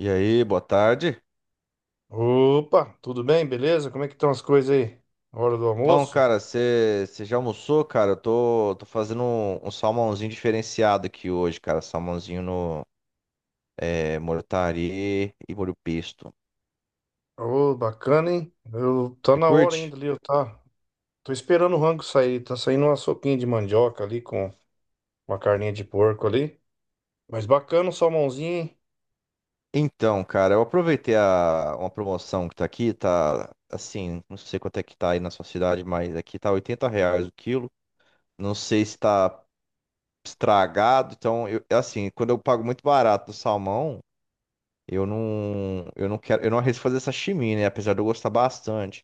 E aí, boa tarde. Opa, tudo bem? Beleza? Como é que estão as coisas aí? Hora do Bom, almoço? cara, você já almoçou, cara? Eu tô fazendo um salmãozinho diferenciado aqui hoje, cara. Salmãozinho no mortari e molho pesto. Ô, bacana, hein? Eu, tá Você na hora curte? ainda ali, eu tá. Tô esperando o rango sair. Tá saindo uma sopinha de mandioca ali com uma carninha de porco ali. Mas bacana o salmãozinho, hein? Então, cara, eu aproveitei uma promoção que tá aqui, tá assim, não sei quanto é que tá aí na sua cidade, mas aqui tá R$ reais o quilo. Não sei se tá estragado, então, eu, assim, quando eu pago muito barato no salmão. Eu não quero, eu não arrisco fazer sashimi, né? Apesar de eu gostar bastante.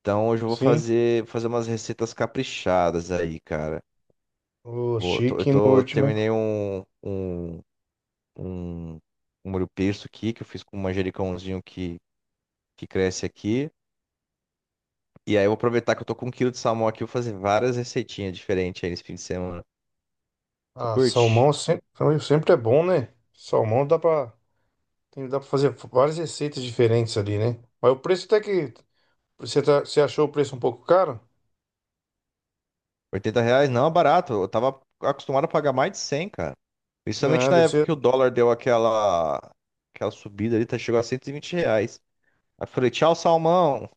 Então hoje eu vou Sim. fazer umas receitas caprichadas aí, cara. O Vou, tô- eu chique no tô, último, hein? Terminei um molho pesto aqui, que eu fiz com um manjericãozinho que cresce aqui. E aí eu vou aproveitar que eu tô com 1 quilo de salmão aqui, vou fazer várias receitinhas diferentes aí nesse fim de semana. Você Ah, curte? Sempre é bom, né? Salmão dá pra, tem, dá pra fazer várias receitas diferentes ali, né? Mas o preço até que. Você achou o preço um pouco caro? 80 reais não é barato. Eu tava acostumado a pagar mais de 100, cara. Principalmente Ah, na deve época ser. que o dólar deu aquela subida ali, tá, chegou a 120 reais. Aí eu falei, tchau, salmão.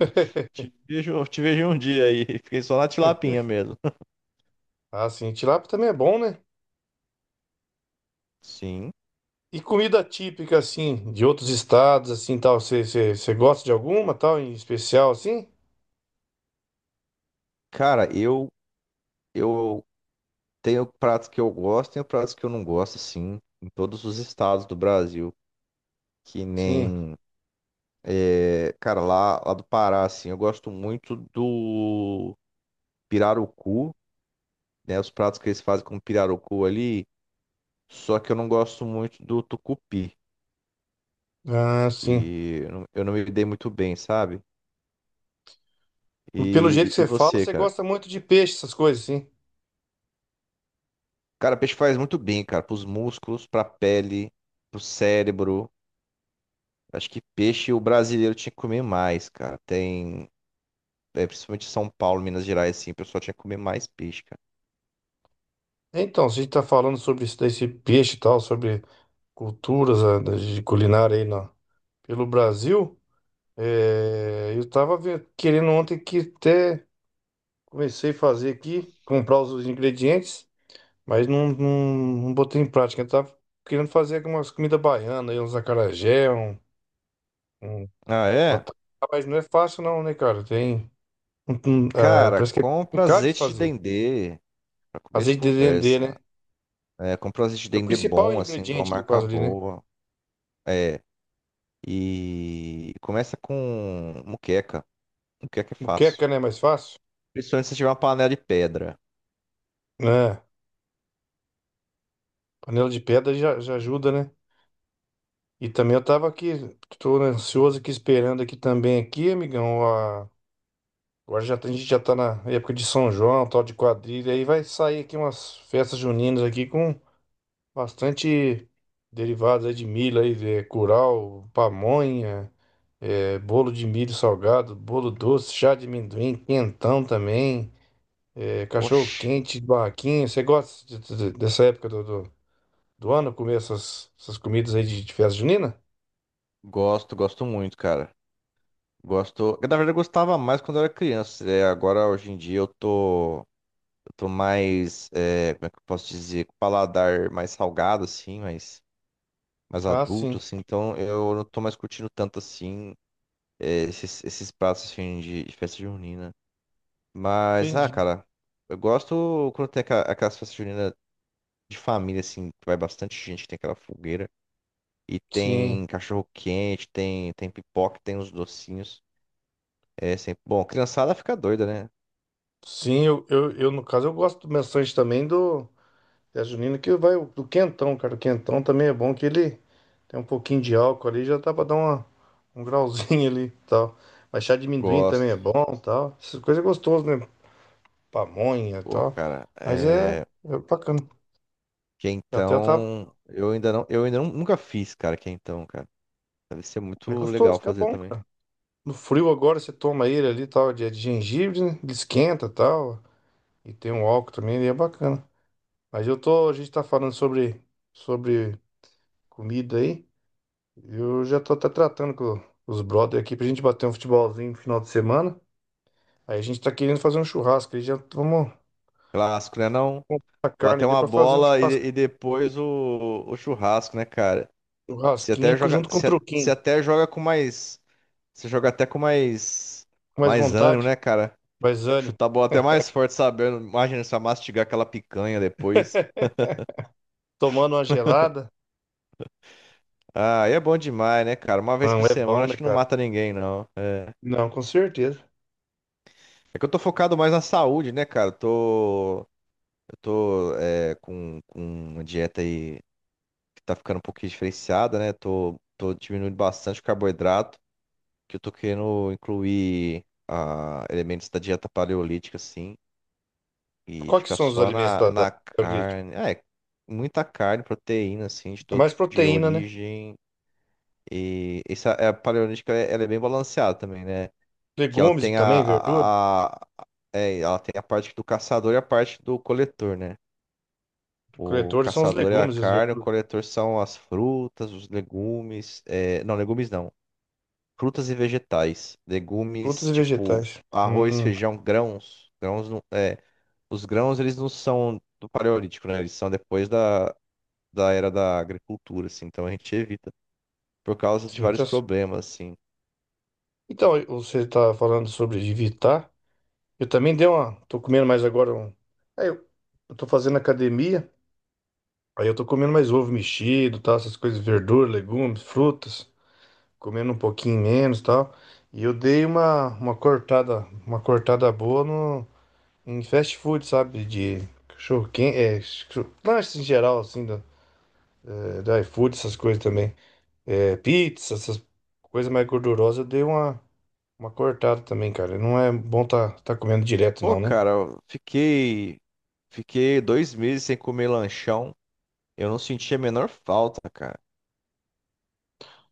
Te vejo um dia aí. Fiquei só na tilapinha mesmo. Ah, sim, tilápia também é bom, né? Sim. E comida típica, assim, de outros estados, assim, tal, você gosta de alguma, tal, em especial, assim? Cara, eu tenho pratos que eu gosto, tenho pratos que eu não gosto, sim, em todos os estados do Brasil. Que Sim. nem, é, cara, lá do Pará, assim, eu gosto muito do pirarucu. Né? Os pratos que eles fazem com pirarucu ali. Só que eu não gosto muito do tucupi, Ah, sim. que eu não me dei muito bem, sabe? Pelo jeito E, que e você fala, você, você cara? gosta muito de peixe, essas coisas, sim. Cara, peixe faz muito bem, cara, pros músculos, pra pele, pro cérebro. Acho que peixe o brasileiro tinha que comer mais, cara. Tem, é, principalmente São Paulo, Minas Gerais, assim, o pessoal tinha que comer mais peixe, cara. Então, se a gente tá falando sobre esse peixe e tal, sobre culturas de culinária pelo Brasil, eu tava querendo ontem, que até comecei a fazer aqui, comprar os ingredientes, mas não botei em prática. Eu tava querendo fazer algumas comidas baianas, uns acarajé, um Ah, é? vatapá, mas não é fácil não, né, cara? Tem, Cara, parece que é compra complicado de azeite de fazer. dendê pra comer de Azeite de dendê, conversa. né? É, compra azeite de É o dendê principal bom, assim, de uma ingrediente ali, marca quase ali, né? boa. É. E começa com muqueca. Muqueca é Moqueca, fácil. né? É mais fácil. Principalmente se tiver uma panela de pedra. Né? Panela de pedra já ajuda, né? E também eu tava aqui, tô ansioso aqui, esperando aqui também, aqui, amigão, a... Agora já, a gente já tá na época de São João, tal de quadrilha, aí vai sair aqui umas festas juninas aqui com bastante derivados aí de milho, aí, curau, pamonha, bolo de milho salgado, bolo doce, chá de amendoim, quentão também, Oxi, cachorro-quente, barraquinha. Você gosta dessa época do ano, comer essas comidas aí de festa junina? gosto, gosto muito, cara. Gosto. Na verdade, eu gostava mais quando eu era criança. É, agora, hoje em dia, eu tô mais. É, como é que eu posso dizer? Com o paladar mais salgado, assim, mais, mais Ah, adulto, sim, assim. Então, eu não tô mais curtindo tanto, assim, é, esses pratos, assim, de festa junina. Mas, ah, entendi. cara, eu gosto quando tem aquelas festas juninas de família, assim, que vai bastante gente, que tem aquela fogueira. E tem Sim, cachorro quente, tem, tem pipoca, tem os docinhos. É sempre bom. Criançada fica doida, né? sim, no caso eu gosto bastante também do. Festa junina que vai do quentão, cara. O quentão também é bom, que ele tem um pouquinho de álcool ali, já dá pra dar uma, um grauzinho ali e tal. Mas chá de amendoim também é Gosto. bom e tal. Essas coisas é gostoso, né? Pamonha e Pô, tal. cara, Mas é, é. é bacana. Que Eu até tava. então. Eu ainda não. Eu ainda nunca fiz, cara, que então, cara. Deve ser É muito legal gostoso, que é fazer bom. também. No frio agora você toma ele ali e tal, de gengibre, né? Ele esquenta e tal. E tem um álcool também, ele é bacana. Mas eu tô. A gente tá falando sobre comida aí. Eu já tô até tratando com os brother aqui pra gente bater um futebolzinho no final de semana. Aí a gente tá querendo fazer um churrasco. Aí já vamos Clássico, né? Não? comprar carne Bater ali uma pra fazer um bola e churrascão. depois o churrasco, né, cara? Se até Churrasquinho co- joga. junto com um Se truquinho. até joga com mais. Você joga até com mais. Com mais Mais ânimo, vontade, né, cara? mais ânimo. Chutar a bola até mais forte, sabendo. Imagina só mastigar aquela picanha depois. Tomando uma gelada. Ah, e é bom demais, né, cara? Uma vez por Não, é semana bom, né, acho que não cara? mata ninguém, não. É Não, com certeza. é que eu tô focado mais na saúde, né, cara? Eu tô com uma dieta aí que tá ficando um pouquinho diferenciada, né? Tô diminuindo bastante o carboidrato, que eu tô querendo incluir ah, elementos da dieta paleolítica, assim, e Quais que ficar são os só alimentos na, da na ali? Tipo, carne. Ah, é, muita carne, proteína, assim, de é todo mais tipo de proteína, né? origem. E essa é, a paleolítica, é- ela é bem balanceada também, né? Que ela Legumes tem também, verdura. Ela tem a parte do caçador e a parte do coletor, né? O Coletores são os caçador é a legumes e as carne, o verduras. coletor são as frutas, os legumes, é, não, legumes não, frutas e vegetais. Frutas Legumes e tipo vegetais. arroz, Hum, feijão, grãos. Grãos não, é, os grãos eles não são do paleolítico, né? Eles são depois da era da agricultura, assim. Então a gente evita por causa de sim, vários tá certo. problemas, assim. Então, você tá falando sobre evitar. Eu também dei uma. Tô comendo mais agora um. Aí eu, eu tô fazendo academia, aí eu tô comendo mais ovo mexido, tal, essas coisas, verdura, legumes, frutas, comendo um pouquinho menos, tal. E eu dei uma cortada boa no, em fast food, sabe? De cachorro quente, lanches em geral, assim, do iFood, essas coisas também. É, pizza, essas coisas mais gordurosas, eu dei uma cortada também, cara. Não é bom tá, tá comendo direto, Pô, não, né? cara, fiquei 2 meses sem comer lanchão. Eu não senti a menor falta, cara.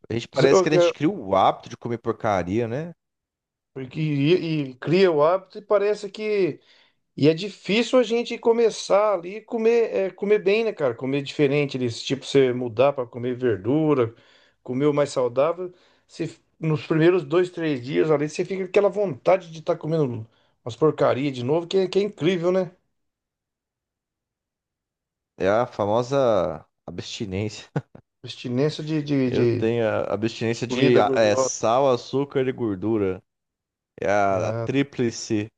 A gente parece que a gente cria o hábito de comer porcaria, né? Porque cria o hábito e parece que. E é difícil a gente começar ali e comer, comer bem, né, cara? Comer diferente, desse tipo, você mudar para comer verdura, comer o mais saudável. Você, nos primeiros dois, três dias ali, você fica com aquela vontade de estar comendo umas porcarias de novo, que é incrível, né? É a famosa abstinência. Abstinência Eu de tenho a abstinência de comida é, gordurosa, sal, açúcar e gordura. É a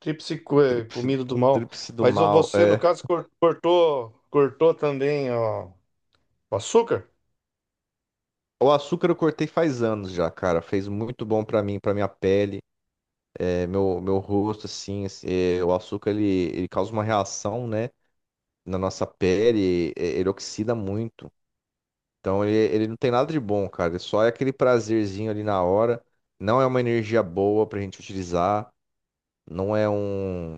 tríplice, comida do mal. tríplice do Mas ô, mal. você, no É. caso, cortou, cortou também, ó, o açúcar? O açúcar eu cortei faz anos já, cara. Fez muito bom pra mim, pra minha pele, é, meu rosto, assim. Assim, é, o açúcar ele causa uma reação, né? Na nossa pele, é, ele oxida muito. Então ele não tem nada de bom, cara. Ele só é aquele prazerzinho ali na hora. Não é uma energia boa pra gente utilizar. Não é um.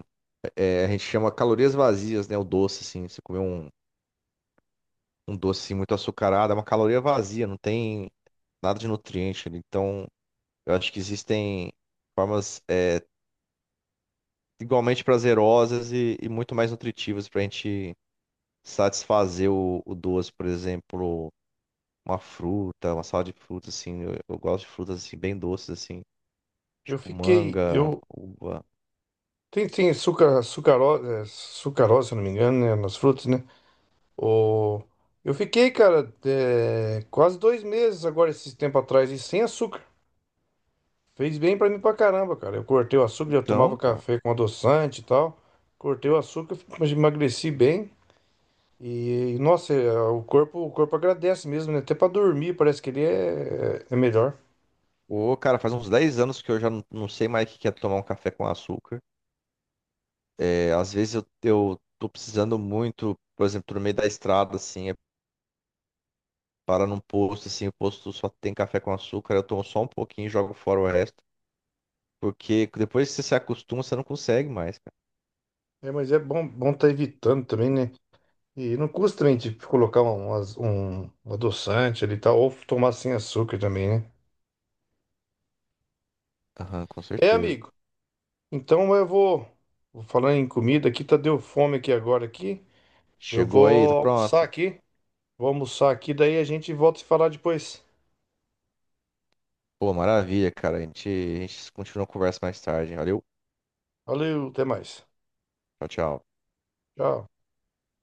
É, a gente chama calorias vazias, né? O doce, assim. Você comer um, um doce assim, muito açucarado, é uma caloria vazia, não tem nada de nutriente ali. Então eu acho que existem formas é, igualmente prazerosas e muito mais nutritivas pra gente satisfazer o doce, por exemplo. Uma fruta, uma salada de frutas, assim. Eu gosto de frutas, assim, bem doces, assim. Eu Tipo fiquei. manga, Eu, uva. tem, sucarose, se eu não me engano, né, nas frutas, né? O... Eu fiquei, cara, quase dois meses agora, esse tempo atrás, e sem açúcar. Fez bem pra mim pra caramba, cara. Eu cortei o açúcar, já tomava Então, cara. café com adoçante e tal. Cortei o açúcar, mas emagreci bem. E, nossa, o corpo agradece mesmo, né? Até pra dormir, parece que ele é melhor. Ô, cara, faz uns 10 anos que eu já não, não sei mais o que que é tomar um café com açúcar. É, às vezes eu tô precisando muito, por exemplo, tô no meio da estrada, assim, é, para num posto, assim, o posto só tem café com açúcar, eu tomo só um pouquinho e jogo fora o resto. Porque depois que você se acostuma, você não consegue mais, cara. É, mas é bom, bom tá evitando também, né? E não custa também, tipo, colocar um um adoçante ali e tal, ou tomar sem açúcar também, né? Aham, com É, certeza. amigo. Então vou falando em comida aqui, tá, deu fome aqui agora aqui. Eu Chegou aí, tá vou almoçar pronto. aqui. Vou almoçar aqui, daí a gente volta a se falar depois. Pô, maravilha, cara. A gente continua a conversa mais tarde. Valeu. Valeu, até mais. Tchau, tchau. Tchau.